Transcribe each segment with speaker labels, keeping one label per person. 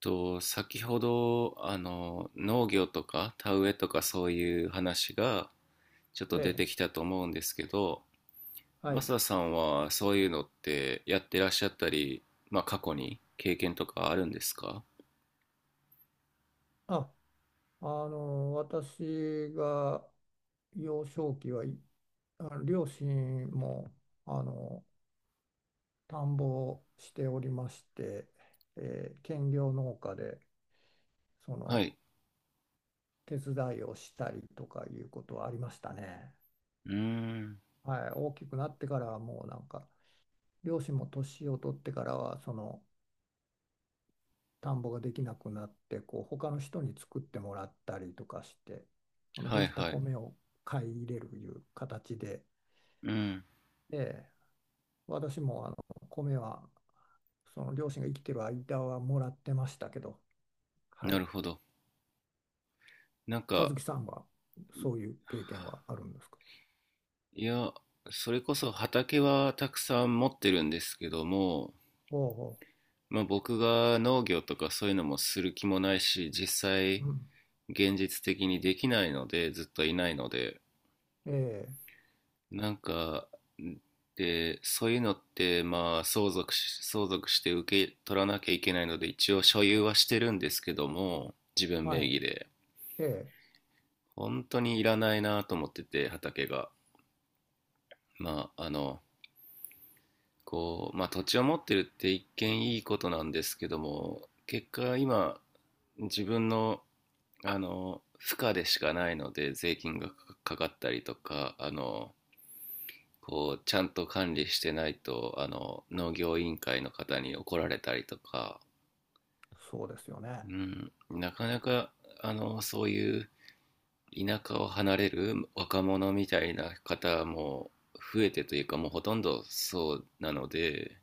Speaker 1: と、先ほど、農業とか田植えとかそういう話がちょっと
Speaker 2: え
Speaker 1: 出
Speaker 2: え、
Speaker 1: てきたと思うんですけど、
Speaker 2: は
Speaker 1: マ
Speaker 2: い。
Speaker 1: サさんはそういうのってやってらっしゃったり、まあ過去に経験とかあるんですか？
Speaker 2: あ、私が幼少期はい、両親も、あの、田んぼをしておりまして、兼業農家で、そ
Speaker 1: は
Speaker 2: の、
Speaker 1: い。
Speaker 2: 手伝いをしたりとかいうことはありましたね。
Speaker 1: うーん。
Speaker 2: はい。大きくなってからはもうなんか、両親も年を取ってからは、田んぼができなくなってこう他の人に作ってもらったりとかしてその
Speaker 1: は
Speaker 2: で
Speaker 1: い
Speaker 2: きた
Speaker 1: はい。
Speaker 2: 米を買い入れるいう形で、
Speaker 1: うん。
Speaker 2: で私も米はその両親が生きてる間はもらってましたけど、は
Speaker 1: な
Speaker 2: い、
Speaker 1: るほど。なん
Speaker 2: 和
Speaker 1: か、
Speaker 2: 樹さんはそういう経験はあるんですか？
Speaker 1: いや、それこそ畑はたくさん持ってるんですけども、
Speaker 2: おうお
Speaker 1: まあ僕が農業とかそういうのもする気もないし、実
Speaker 2: う、
Speaker 1: 際、
Speaker 2: うん、
Speaker 1: 現実的にできないので、ずっといないので、
Speaker 2: ええ
Speaker 1: なんか、で、そういうのって、まあ、相続して受け取らなきゃいけないので、一応所有はしてるんですけども、自分名
Speaker 2: は
Speaker 1: 義で。
Speaker 2: い、ええ
Speaker 1: 本当にいらないなと思ってて、畑が。まあ、こう、まあ、土地を持ってるって一見いいことなんですけども、結果今、自分の、負荷でしかないので、税金がかかったりとか、こうちゃんと管理してないと農業委員会の方に怒られたりとか、
Speaker 2: そうですよね。
Speaker 1: うん、なかなかそういう田舎を離れる若者みたいな方も増えてというか、もうほとんどそうなので、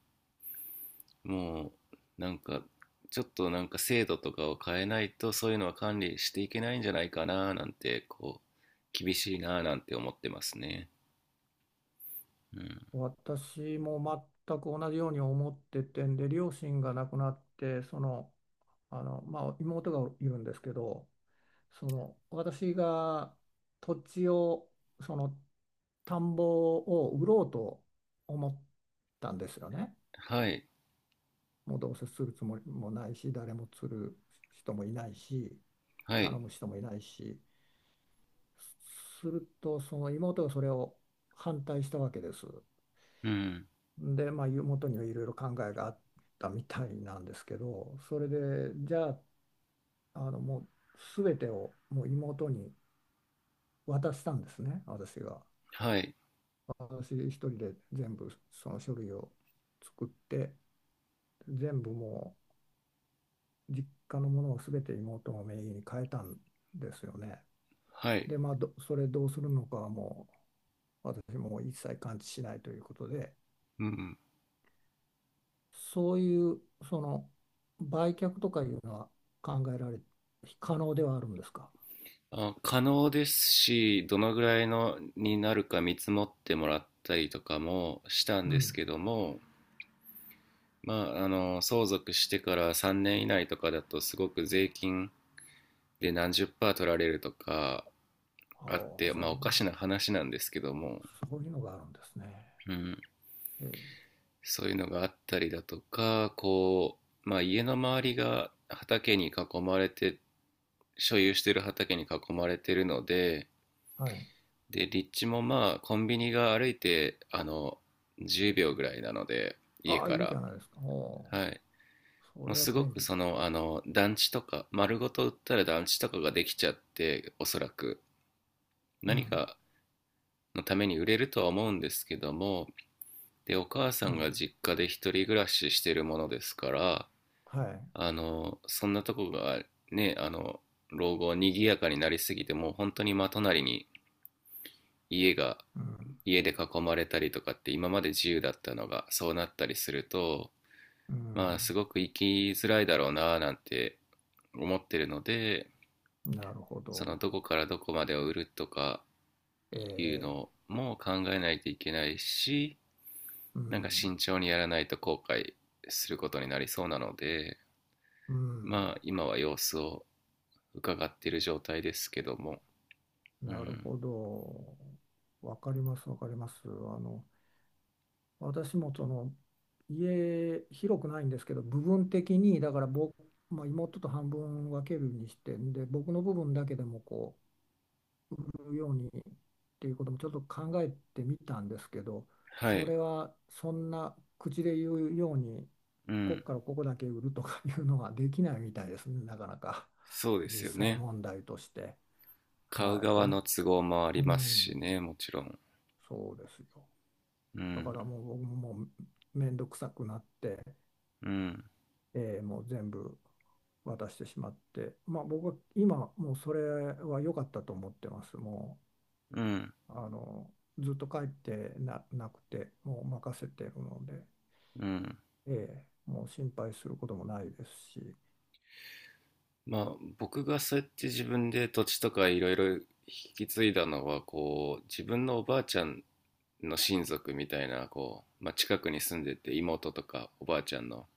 Speaker 1: もうなんか、ちょっとなんか制度とかを変えないとそういうのは管理していけないんじゃないかな、なんてこう、厳しいななんて思ってますね。うん、
Speaker 2: 私も全く同じように思っててんで、両親が亡くなって、妹がいるんですけど、私が土地を、その、田んぼを売ろうと思ったんですよね。
Speaker 1: はい
Speaker 2: もうどうせするつもりもないし、誰も釣る人もいないし、
Speaker 1: はい、
Speaker 2: 頼む人もいないし、すると、その妹がそれを反対したわけです。
Speaker 1: うん、
Speaker 2: で、まあ、元にはいろいろ考えがあったみたいなんですけど、それで、じゃあ、もう全てをもう妹に渡したんですね、私が。
Speaker 1: はい
Speaker 2: 私一人で全部その書類を作って、全部もう実家のものを全て妹の名義に変えたんですよね。
Speaker 1: はい、
Speaker 2: で、まあ、それどうするのかはもう私も一切関知しないということで、
Speaker 1: うん。
Speaker 2: そういうその売却とかいうのは考えられ、可能ではあるんですか？
Speaker 1: あ、可能ですし、どのぐらいのになるか見積もってもらったりとかもしたん
Speaker 2: う
Speaker 1: です
Speaker 2: ん。
Speaker 1: けども、まあ、相続してから3年以内とかだとすごく税金で何十パー取られるとか
Speaker 2: あ
Speaker 1: あっ
Speaker 2: あ、
Speaker 1: て、まあ、おかしな話なんですけども、
Speaker 2: そういうのがあるんですね。
Speaker 1: うん、
Speaker 2: へえ、
Speaker 1: そういうのがあったりだとか、こう、まあ、家の周りが畑に囲まれて、所有している畑に囲まれているので、
Speaker 2: はい。
Speaker 1: で、立地もまあ、コンビニが歩いて、10秒ぐらいなので、家
Speaker 2: ああ、
Speaker 1: か
Speaker 2: いいじ
Speaker 1: ら。
Speaker 2: ゃないですか。おお、
Speaker 1: はい。
Speaker 2: そ
Speaker 1: も
Speaker 2: れ
Speaker 1: う
Speaker 2: は
Speaker 1: すご
Speaker 2: 便
Speaker 1: く
Speaker 2: 利だ。
Speaker 1: その、団地とか、丸ごと売ったら団地とかができちゃって、おそらく、
Speaker 2: う
Speaker 1: 何
Speaker 2: ん、
Speaker 1: かのために売れるとは思うんですけども、で、お母さ
Speaker 2: う
Speaker 1: んが
Speaker 2: ん、
Speaker 1: 実家で一人暮らししてるものですから、
Speaker 2: はい。
Speaker 1: そんなとこがね、老後にぎやかになりすぎて、もう本当に真隣に家が
Speaker 2: うん、
Speaker 1: 家で囲まれたりとかって、今まで自由だったのがそうなったりすると、
Speaker 2: う
Speaker 1: まあす
Speaker 2: ん、
Speaker 1: ごく生きづらいだろうななんて思ってるので、
Speaker 2: なるほ
Speaker 1: その
Speaker 2: ど。
Speaker 1: どこからどこまでを売るとか
Speaker 2: え
Speaker 1: いう
Speaker 2: え、
Speaker 1: のも考えないといけないし、
Speaker 2: う
Speaker 1: なんか
Speaker 2: ん、
Speaker 1: 慎重にやらないと後悔することになりそうなので、
Speaker 2: う
Speaker 1: ま
Speaker 2: ん、
Speaker 1: あ今は様子を伺っている状態ですけども。う
Speaker 2: なる
Speaker 1: ん、
Speaker 2: ほど。わかります、わかります。あの、私もその家広くないんですけど部分的にだから僕、まあ、妹と半分分けるにしてんで僕の部分だけでもこう売るようにっていうこともちょっと考えてみたんですけど
Speaker 1: は
Speaker 2: そ
Speaker 1: い、
Speaker 2: れはそんな口で言うように
Speaker 1: う
Speaker 2: ここ
Speaker 1: ん、
Speaker 2: からここだけ売るとかいうのはできないみたいですねなかなか
Speaker 1: そう で
Speaker 2: 実
Speaker 1: すよ
Speaker 2: 際
Speaker 1: ね。
Speaker 2: 問題として。
Speaker 1: 買う
Speaker 2: はい、
Speaker 1: 側
Speaker 2: こ
Speaker 1: の都合もあ
Speaker 2: う、
Speaker 1: り
Speaker 2: う
Speaker 1: ますし
Speaker 2: ん、
Speaker 1: ね、もちろん。
Speaker 2: そうですよ。
Speaker 1: う
Speaker 2: だか
Speaker 1: ん、
Speaker 2: らもう僕ももう面倒くさくなって。
Speaker 1: うん、
Speaker 2: もう全部渡してしまって、まあ、僕は今もうそれは良かったと思ってます。も
Speaker 1: うん、
Speaker 2: うずっと帰ってな、なくてもう任せてるので、
Speaker 1: うん。
Speaker 2: ええもう心配することもないですし、
Speaker 1: まあ、僕がそうやって自分で土地とかいろいろ引き継いだのは、こう、自分のおばあちゃんの親族みたいな、こう、まあ、近くに住んでて、妹とかおばあちゃんの。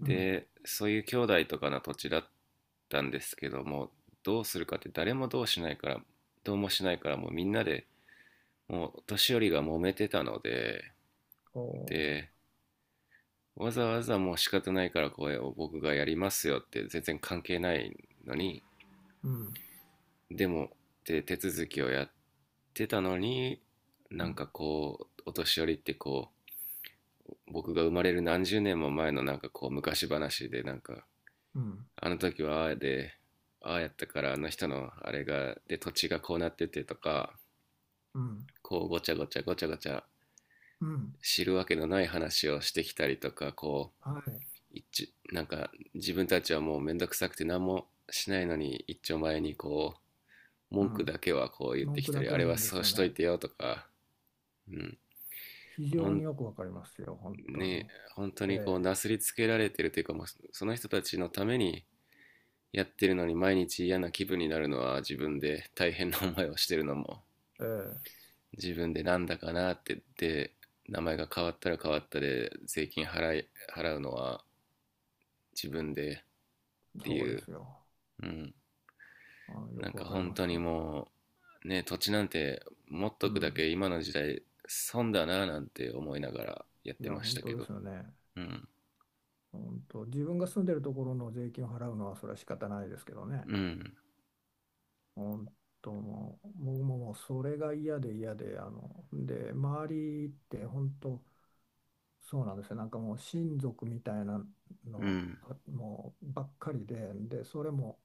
Speaker 2: うん、
Speaker 1: で、そういう兄弟とかの土地だったんですけども、どうするかって、誰もどうしないから、どうもしないから、もうみんなで、もうお年寄りが揉めてたので、
Speaker 2: こ
Speaker 1: で、わざわざもう仕方ないからこれを僕がやりますよって、全然関係ないのに、
Speaker 2: う、うん、
Speaker 1: でもで手続きをやってたのに、
Speaker 2: う
Speaker 1: なん
Speaker 2: ん、
Speaker 1: かこうお年寄りって、こう僕が生まれる何十年も前のなんかこう昔話で、なんか
Speaker 2: うん、
Speaker 1: あの時はああで、ああやったからあの人のあれがで、土地がこうなっててとか、
Speaker 2: うん、
Speaker 1: こうごちゃごちゃごちゃごちゃ
Speaker 2: うん、
Speaker 1: 知るわけのない話をしてきたりとか、こ
Speaker 2: はい、
Speaker 1: う、一なんか自分たちはもうめんどくさくて何もしないのに、一丁前にこう
Speaker 2: う
Speaker 1: 文句
Speaker 2: ん、
Speaker 1: だけはこう言って
Speaker 2: 文
Speaker 1: き
Speaker 2: 句
Speaker 1: た
Speaker 2: だ
Speaker 1: り、
Speaker 2: け
Speaker 1: あ
Speaker 2: は
Speaker 1: れ
Speaker 2: 言う
Speaker 1: は
Speaker 2: んで
Speaker 1: そ
Speaker 2: す
Speaker 1: う
Speaker 2: よ
Speaker 1: しとい
Speaker 2: ね。
Speaker 1: てよとか、うん、
Speaker 2: 非
Speaker 1: ほ
Speaker 2: 常に
Speaker 1: ん
Speaker 2: よくわかりますよ、本当に。
Speaker 1: ね本当にこう
Speaker 2: え
Speaker 1: な
Speaker 2: え
Speaker 1: すりつけられてるというか、もう、その人たちのためにやってるのに毎日嫌な気分になるのは自分で、大変な思いをしてるのも
Speaker 2: ええ
Speaker 1: 自分で、なんだかなって、で名前が変わったら変わったで、税金払うのは自分でって
Speaker 2: そう
Speaker 1: い
Speaker 2: で
Speaker 1: う、
Speaker 2: すよ。
Speaker 1: うん、
Speaker 2: あの、よ
Speaker 1: なん
Speaker 2: く
Speaker 1: か
Speaker 2: わかり
Speaker 1: 本
Speaker 2: ま
Speaker 1: 当
Speaker 2: す。
Speaker 1: にもう、ね、土地なんて持っ
Speaker 2: う
Speaker 1: とくだ
Speaker 2: ん
Speaker 1: け今の時代損だななんて思いながらやっ
Speaker 2: い
Speaker 1: て
Speaker 2: や、
Speaker 1: まし
Speaker 2: 本
Speaker 1: たけ
Speaker 2: 当で
Speaker 1: ど。
Speaker 2: すよね。
Speaker 1: うん、
Speaker 2: 本当、自分が住んでるところの税金を払うのは、それは仕方ないですけどね。
Speaker 1: うん、
Speaker 2: 本当、もう、僕ももうそれが嫌で嫌で、あの、で、周りって本当、そうなんですよ。もう親族みたいな
Speaker 1: う
Speaker 2: の、
Speaker 1: ん、
Speaker 2: もうばっかりで、で、それも、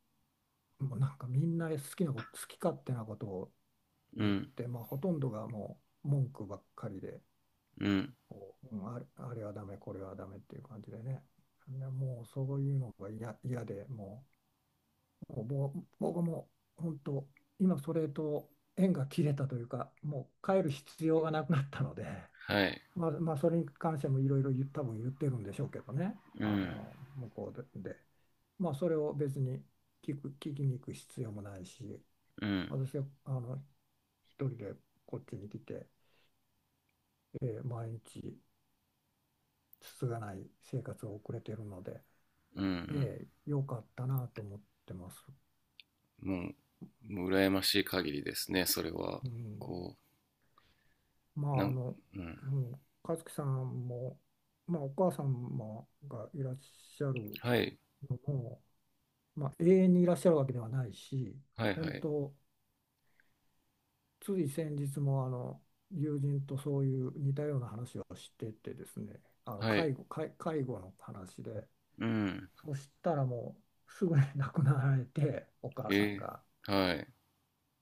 Speaker 2: もうなんかみんな好き勝手なことを
Speaker 1: う
Speaker 2: 言っ
Speaker 1: ん、
Speaker 2: て、まあ、ほとんどがもう文句ばっかりで、
Speaker 1: うん、
Speaker 2: こう、あれはダメ、これはダメっていう感じでね。いやもうそういうのが嫌で、もうぼ僕も本当、今それと縁が切れたというか、もう帰る必要がなくなったので、
Speaker 1: はい、
Speaker 2: まあ、まあ、それに関してもいろいろ多分言ってるんでしょうけどね、
Speaker 1: う
Speaker 2: あ
Speaker 1: ん、
Speaker 2: の向こうで、でまあ、それを別に聞きに行く必要もないし、
Speaker 1: うん、
Speaker 2: 私はあの一人でこっちに来て、毎日つつがない生活を送れているので、
Speaker 1: うん、
Speaker 2: ええ、良かったなと思ってます。
Speaker 1: うん。もう、もう羨ましい限りですね、それは。
Speaker 2: うん、
Speaker 1: こ
Speaker 2: ま
Speaker 1: う、
Speaker 2: あ、あの、
Speaker 1: うん。
Speaker 2: うん、和樹さんも、まあ、お母様がいらっしゃる
Speaker 1: はい、
Speaker 2: のも、まあ、永遠にいらっしゃるわけではないし、
Speaker 1: はい、は
Speaker 2: 本
Speaker 1: い、
Speaker 2: 当、つい先日もあの友人とそういう似たような話をしててですね、
Speaker 1: はい、
Speaker 2: 介護の話で、
Speaker 1: うん、
Speaker 2: そしたらもうすぐに亡くなられて、お母さん
Speaker 1: え
Speaker 2: が。
Speaker 1: はい、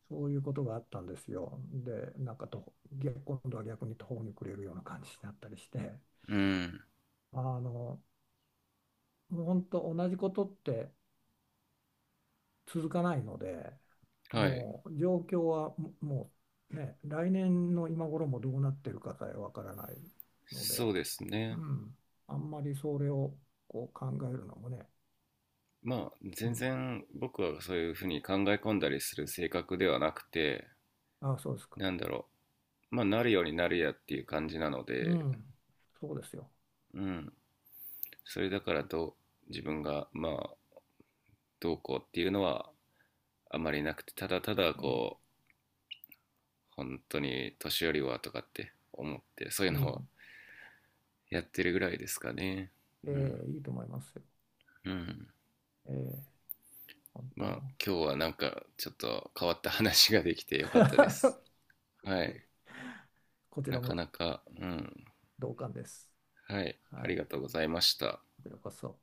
Speaker 2: そういうことがあったんですよ。で、なんかと、逆今度は逆に途方に暮れるような感じになったりして、
Speaker 1: うん、
Speaker 2: あの、もう本当同じことって続かないので、
Speaker 1: はい、
Speaker 2: もう状況はうね、来年の今頃もどうなってるかさえわからないの
Speaker 1: そ
Speaker 2: で、
Speaker 1: うです
Speaker 2: う
Speaker 1: ね。
Speaker 2: ん、あんまりそれをこう考えるのもね、
Speaker 1: まあ
Speaker 2: う
Speaker 1: 全
Speaker 2: ん、
Speaker 1: 然僕はそういうふうに考え込んだりする性格ではなくて、
Speaker 2: あ、そうですか。
Speaker 1: なんだろう、まあなるようになるやっていう感じなの
Speaker 2: う
Speaker 1: で、
Speaker 2: ん、そうですよ。
Speaker 1: うん、それだから、自分がまあどうこうっていうのはあまりなくて、ただただ
Speaker 2: え
Speaker 1: こう
Speaker 2: え
Speaker 1: 本当に年寄りはとかって思って、そういう
Speaker 2: う
Speaker 1: のを
Speaker 2: ん、
Speaker 1: やってるぐらいですかね。
Speaker 2: え
Speaker 1: うん、
Speaker 2: えいいと思いますよ。
Speaker 1: うん。
Speaker 2: ええ、本
Speaker 1: ま
Speaker 2: 当
Speaker 1: あ
Speaker 2: も
Speaker 1: 今日はなんかちょっと変わった話ができてよかったで
Speaker 2: う。
Speaker 1: す。 はい、
Speaker 2: こち
Speaker 1: な
Speaker 2: ら
Speaker 1: か
Speaker 2: も
Speaker 1: なか。うん。
Speaker 2: 同感です。
Speaker 1: はい、あ
Speaker 2: はい。
Speaker 1: り
Speaker 2: こ
Speaker 1: がとうございました。
Speaker 2: ちらこそ。